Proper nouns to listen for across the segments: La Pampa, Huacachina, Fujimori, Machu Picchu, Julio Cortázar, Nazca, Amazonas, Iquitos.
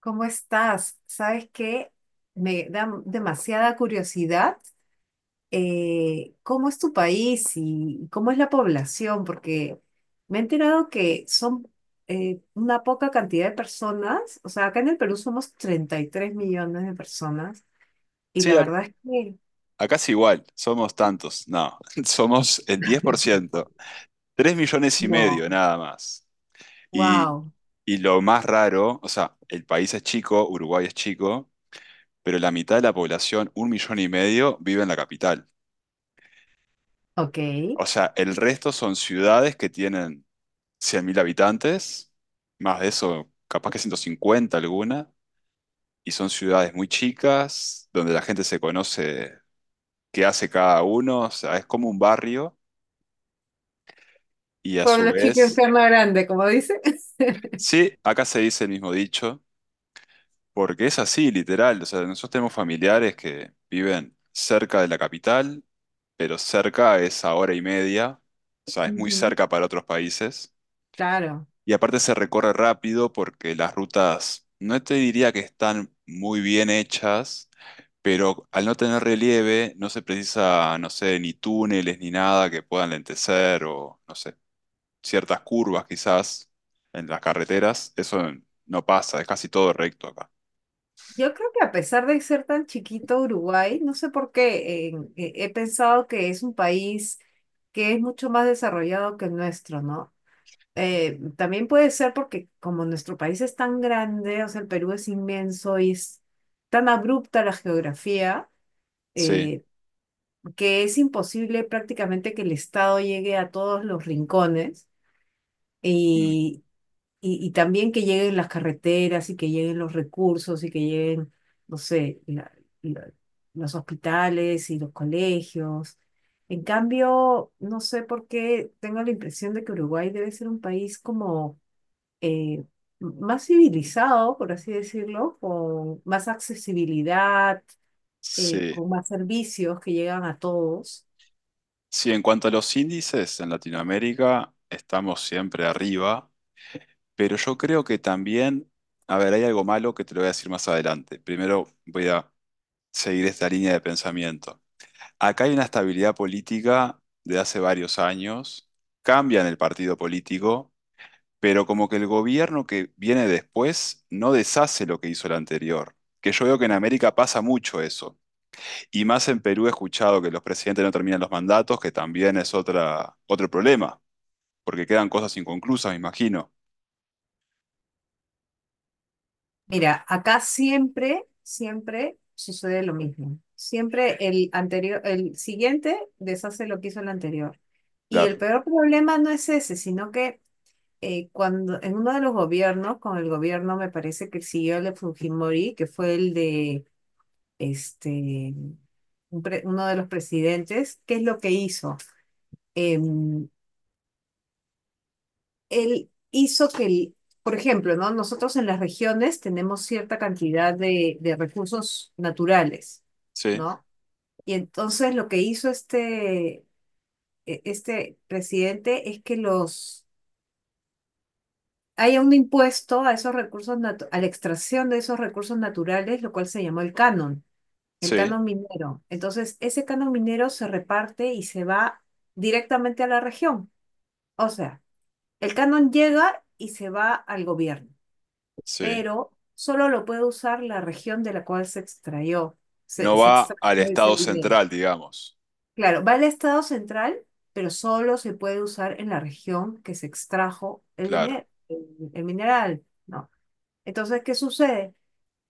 ¿Cómo estás? ¿Sabes qué? Me da demasiada curiosidad. ¿Cómo es tu país y cómo es la población? Porque me he enterado que son una poca cantidad de personas. O sea, acá en el Perú somos 33 millones de personas. Y Sí, la verdad es que acá es igual, somos tantos, no, somos el diez por ciento tres millones y no. medio nada más. Y, Wow. y lo más raro, o sea, el país es chico, Uruguay es chico, pero la mitad de la población, 1,5 millones, vive en la capital. Ok. O sea, el resto son ciudades que tienen 100.000 habitantes, más de eso, capaz que 150 alguna, y son ciudades muy chicas, donde la gente se conoce qué hace cada uno, o sea, es como un barrio. Y a su Pueblo chico, vez, infierno grande, como dice. sí, acá se dice el mismo dicho, porque es así, literal. O sea, nosotros tenemos familiares que viven cerca de la capital, pero cerca es a 1,5 horas, o sea, es muy Ujú. cerca para otros países. Claro. Y aparte se recorre rápido porque las rutas, no te diría que están muy bien hechas, pero al no tener relieve, no se precisa, no sé, ni túneles ni nada que puedan lentecer o, no sé, ciertas curvas quizás en las carreteras, eso no pasa, es casi todo recto acá. Yo creo que a pesar de ser tan chiquito Uruguay, no sé por qué, he pensado que es un país que es mucho más desarrollado que el nuestro, ¿no? También puede ser porque como nuestro país es tan grande, o sea, el Perú es inmenso y es tan abrupta la geografía, Sí. eh, que es imposible prácticamente que el Estado llegue a todos los rincones. Mm. y y también que lleguen las carreteras y que lleguen los recursos y que lleguen, no sé, la- los hospitales y los colegios. En cambio, no sé por qué tengo la impresión de que Uruguay debe ser un país como eh, más civilizado, por así decirlo, con más accesibilidad, Sí, con más servicios que llegan a todos. sí, en cuanto a los índices en Latinoamérica, estamos siempre arriba, pero yo creo que también, a ver, hay algo malo que te lo voy a decir más adelante. Primero voy a seguir esta línea de pensamiento. Acá hay una estabilidad política de hace varios años, cambian el partido político pero como que el gobierno que viene después no deshace lo que hizo el anterior. Que yo veo que en América pasa mucho eso. Y más en Perú he escuchado que los presidentes no terminan los mandatos, que también es otra, otro problema, porque quedan cosas inconclusas, me imagino. Mira, acá siempre, siempre sucede lo mismo. Siempre el anterior, el siguiente deshace lo que hizo el anterior. Y el Claro. peor problema no es ese, sino que cuando en uno de los gobiernos, con el gobierno me parece que siguió el de Fujimori, que fue el de este, uno de los presidentes, ¿qué es lo que hizo? Em, Él hizo que, por ejemplo, ¿no? Nosotros en las regiones tenemos cierta cantidad de recursos naturales, Sí, ¿no? Y entonces lo que hizo este presidente es que los haya un impuesto a esos recursos a la extracción de esos recursos naturales, lo cual se llamó el sí, canon minero. Entonces, ese canon minero se reparte y se va directamente a la región. O sea, el canon llega y se va al gobierno, sí. pero solo lo puede usar la región de la cual se extrayó, No se va extrajo al ese Estado dinero. central, digamos. Claro, va al Estado central, pero solo se puede usar en la región que se extrajo el Claro. dinero, el mineral, ¿no? Entonces, ¿qué sucede?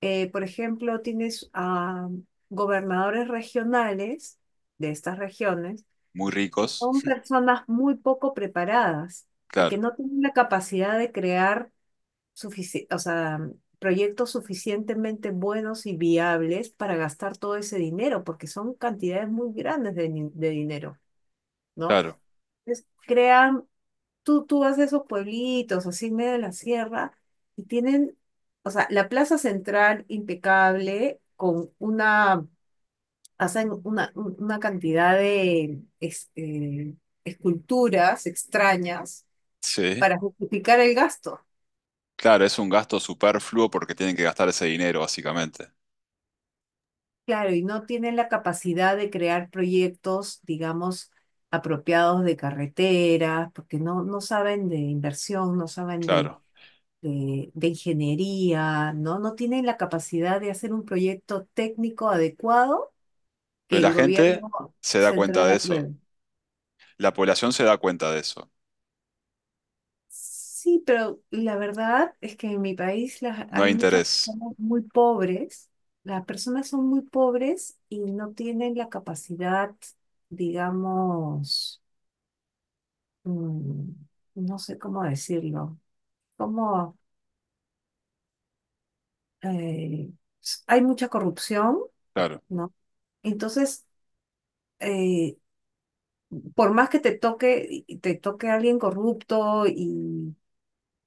Por ejemplo, tienes a gobernadores regionales de estas regiones Muy que ricos. son personas muy poco preparadas y Claro, que no tienen la capacidad de crear o sea, proyectos suficientemente buenos y viables para gastar todo ese dinero, porque son cantidades muy grandes de dinero, ¿no? claro. Entonces, tú vas de esos pueblitos, así en medio de la sierra, y tienen, o sea, la plaza central impecable, con una, hacen una cantidad de esculturas extrañas Sí. para justificar el gasto. Claro, es un gasto superfluo porque tienen que gastar ese dinero, básicamente. Claro, y no tienen la capacidad de crear proyectos, digamos, apropiados de carreteras, porque no saben de inversión, no saben de, Claro. de, de ingeniería, ¿no? No tienen la capacidad de hacer un proyecto técnico adecuado Pero que la el gente gobierno se da cuenta central de eso. apruebe. La población se da cuenta de eso. Sí, pero la verdad es que en mi país No hay hay muchas interés. personas muy pobres, las personas son muy pobres y no tienen la capacidad, digamos, mm, no sé cómo decirlo, como eh, hay mucha corrupción, Claro, ¿no? Entonces, eh, por más que te toque, y te toque alguien corrupto y,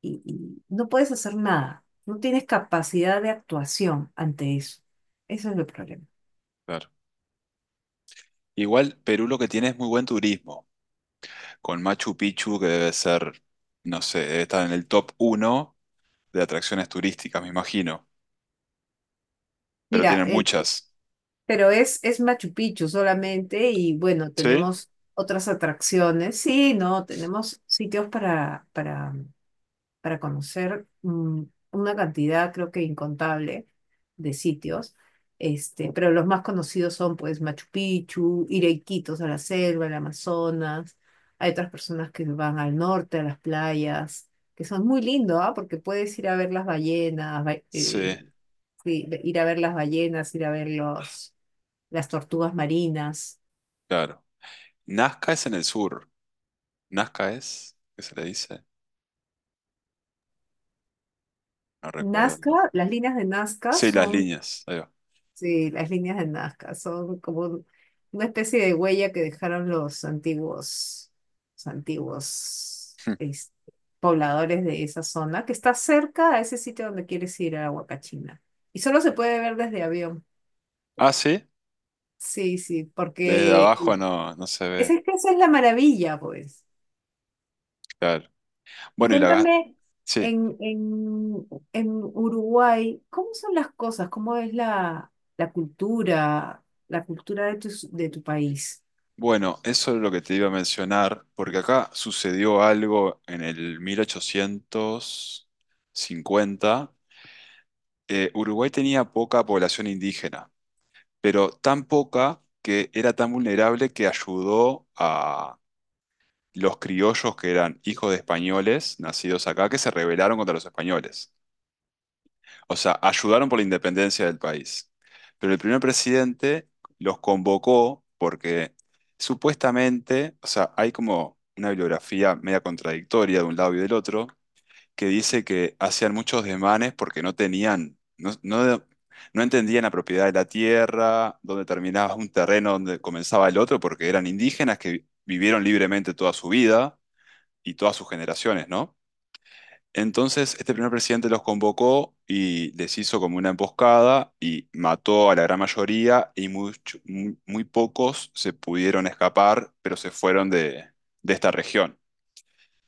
y- y no puedes hacer nada, no tienes capacidad de actuación ante eso. Ese es el problema. claro. Igual Perú lo que tiene es muy buen turismo, con Machu Picchu que debe ser, no sé, debe estar en el top uno de atracciones turísticas, me imagino, pero Mira, tienen muchas. pero es, Machu Picchu solamente y bueno, ¿Sí? tenemos otras atracciones. Sí, no, tenemos sitios para, para conocer una cantidad, creo que incontable, de sitios. Este, pero los más conocidos son pues Machu Picchu, ir a Iquitos, a la selva, al Amazonas. Hay otras personas que van al norte, a las playas, que son muy lindos, ¿ah? Porque puedes ir a ver las ballenas, Sí, sí, ir a ver las ballenas, ir a ver las tortugas marinas. claro. Nazca es en el sur. Nazca es, ¿qué se le dice? No recuerdo el Nazca, nombre. las líneas de Nazca Sí, las son. líneas. Ahí va. Sí, las líneas de Nazca son como una especie de huella que dejaron los antiguos, los antiguos es- pobladores de esa zona, que está cerca a ese sitio donde quieres ir a Huacachina. Y solo se puede ver desde avión. Ah, sí. Sí, sí, Desde porque abajo no, no se esa ve. es que esa es la maravilla, pues. Claro. Y Bueno, y la... cuéntame, sí. en, en, en Uruguay, ¿cómo son las cosas? ¿Cómo es la cultura de tu país? Bueno, eso es lo que te iba a mencionar, porque acá sucedió algo en el 1850. Uruguay tenía poca población indígena, pero tan poca que era tan vulnerable que ayudó a los criollos que eran hijos de españoles nacidos acá que se rebelaron contra los españoles. O sea, ayudaron por la independencia del país. Pero el primer presidente los convocó porque supuestamente, o sea, hay como una bibliografía media contradictoria de un lado y del otro, que dice que hacían muchos desmanes porque no tenían, no entendían la propiedad de la tierra, dónde terminaba un terreno, dónde comenzaba el otro, porque eran indígenas que vivieron libremente toda su vida y todas sus generaciones, ¿no? Entonces, este primer presidente los convocó y les hizo como una emboscada y mató a la gran mayoría y muy, muy pocos se pudieron escapar, pero se fueron de esta región.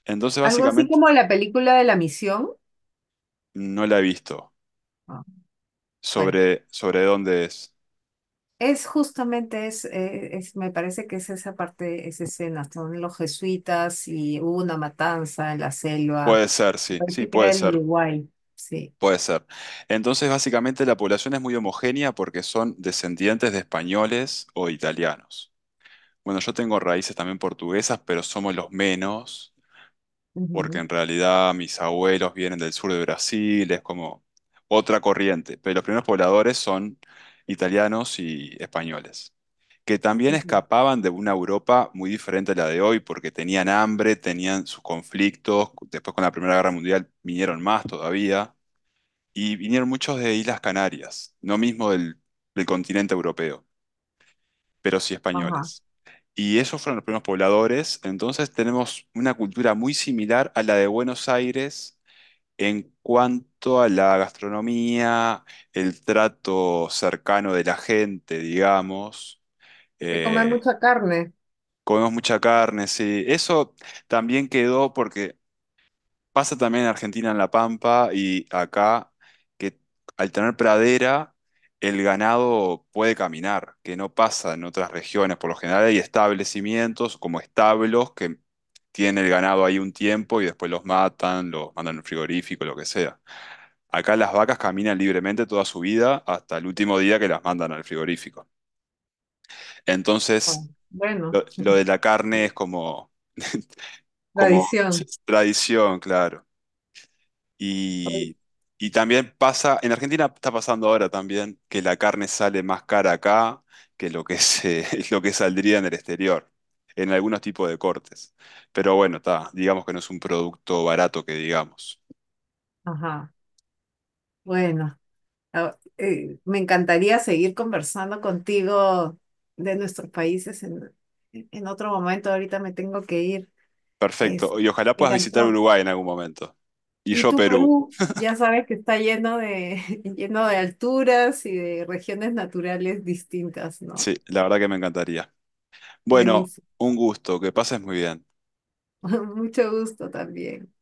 Entonces, Algo así básicamente, como la película de la misión. no la he visto. Ah, bueno, Sobre, sobre dónde es. es justamente, es- me parece que es esa parte, esa escena. Son los jesuitas y hubo una matanza en la selva. Puede ser, Me sí, sí, parece que era puede el ser, Uruguay. Sí. puede ser. Entonces, básicamente, la población es muy homogénea porque son descendientes de españoles o italianos. Bueno, yo tengo raíces también portuguesas, pero somos los menos, porque Ujú, en realidad mis abuelos vienen del sur de Brasil, es como otra corriente, pero los primeros pobladores son italianos y españoles, que también ujú. escapaban de una Europa muy diferente a la de hoy, porque tenían hambre, tenían sus conflictos, después con la Primera Guerra Mundial vinieron más todavía, y vinieron muchos de Islas Canarias, no mismo del, del continente europeo, pero sí Ajá. españoles. Y esos fueron los primeros pobladores, entonces tenemos una cultura muy similar a la de Buenos Aires en cuanto a la gastronomía, el trato cercano de la gente, digamos, Se come eh, mucha carne. comemos mucha carne, sí. Eso también quedó porque pasa también en Argentina, en La Pampa y acá, que al tener pradera, el ganado puede caminar, que no pasa en otras regiones. Por lo general hay establecimientos como establos que tienen el ganado ahí un tiempo y después los matan, los mandan al frigorífico, lo que sea. Acá las vacas caminan libremente toda su vida hasta el último día que las mandan al frigorífico. Ah, Entonces, bueno, lo de la carne es como, como tradición. tradición, claro. Y, y también pasa, en Argentina está pasando ahora también que la carne sale más cara acá que lo que se, lo que saldría en el exterior, en algunos tipos de cortes. Pero bueno, está, digamos que no es un producto barato que digamos. Ajá. Bueno, me encantaría seguir conversando contigo de nuestros países en otro momento. Ahorita me tengo que ir. Es, Perfecto, y ojalá me puedas visitar encantó. Uruguay en algún momento. Y Y yo tú, Perú, Perú, ya sabes que está lleno de, lleno de alturas y de regiones naturales distintas, ¿no? sí, la verdad que me encantaría. Bueno, Buenísimo. un gusto, que pases muy bien. Mucho gusto también.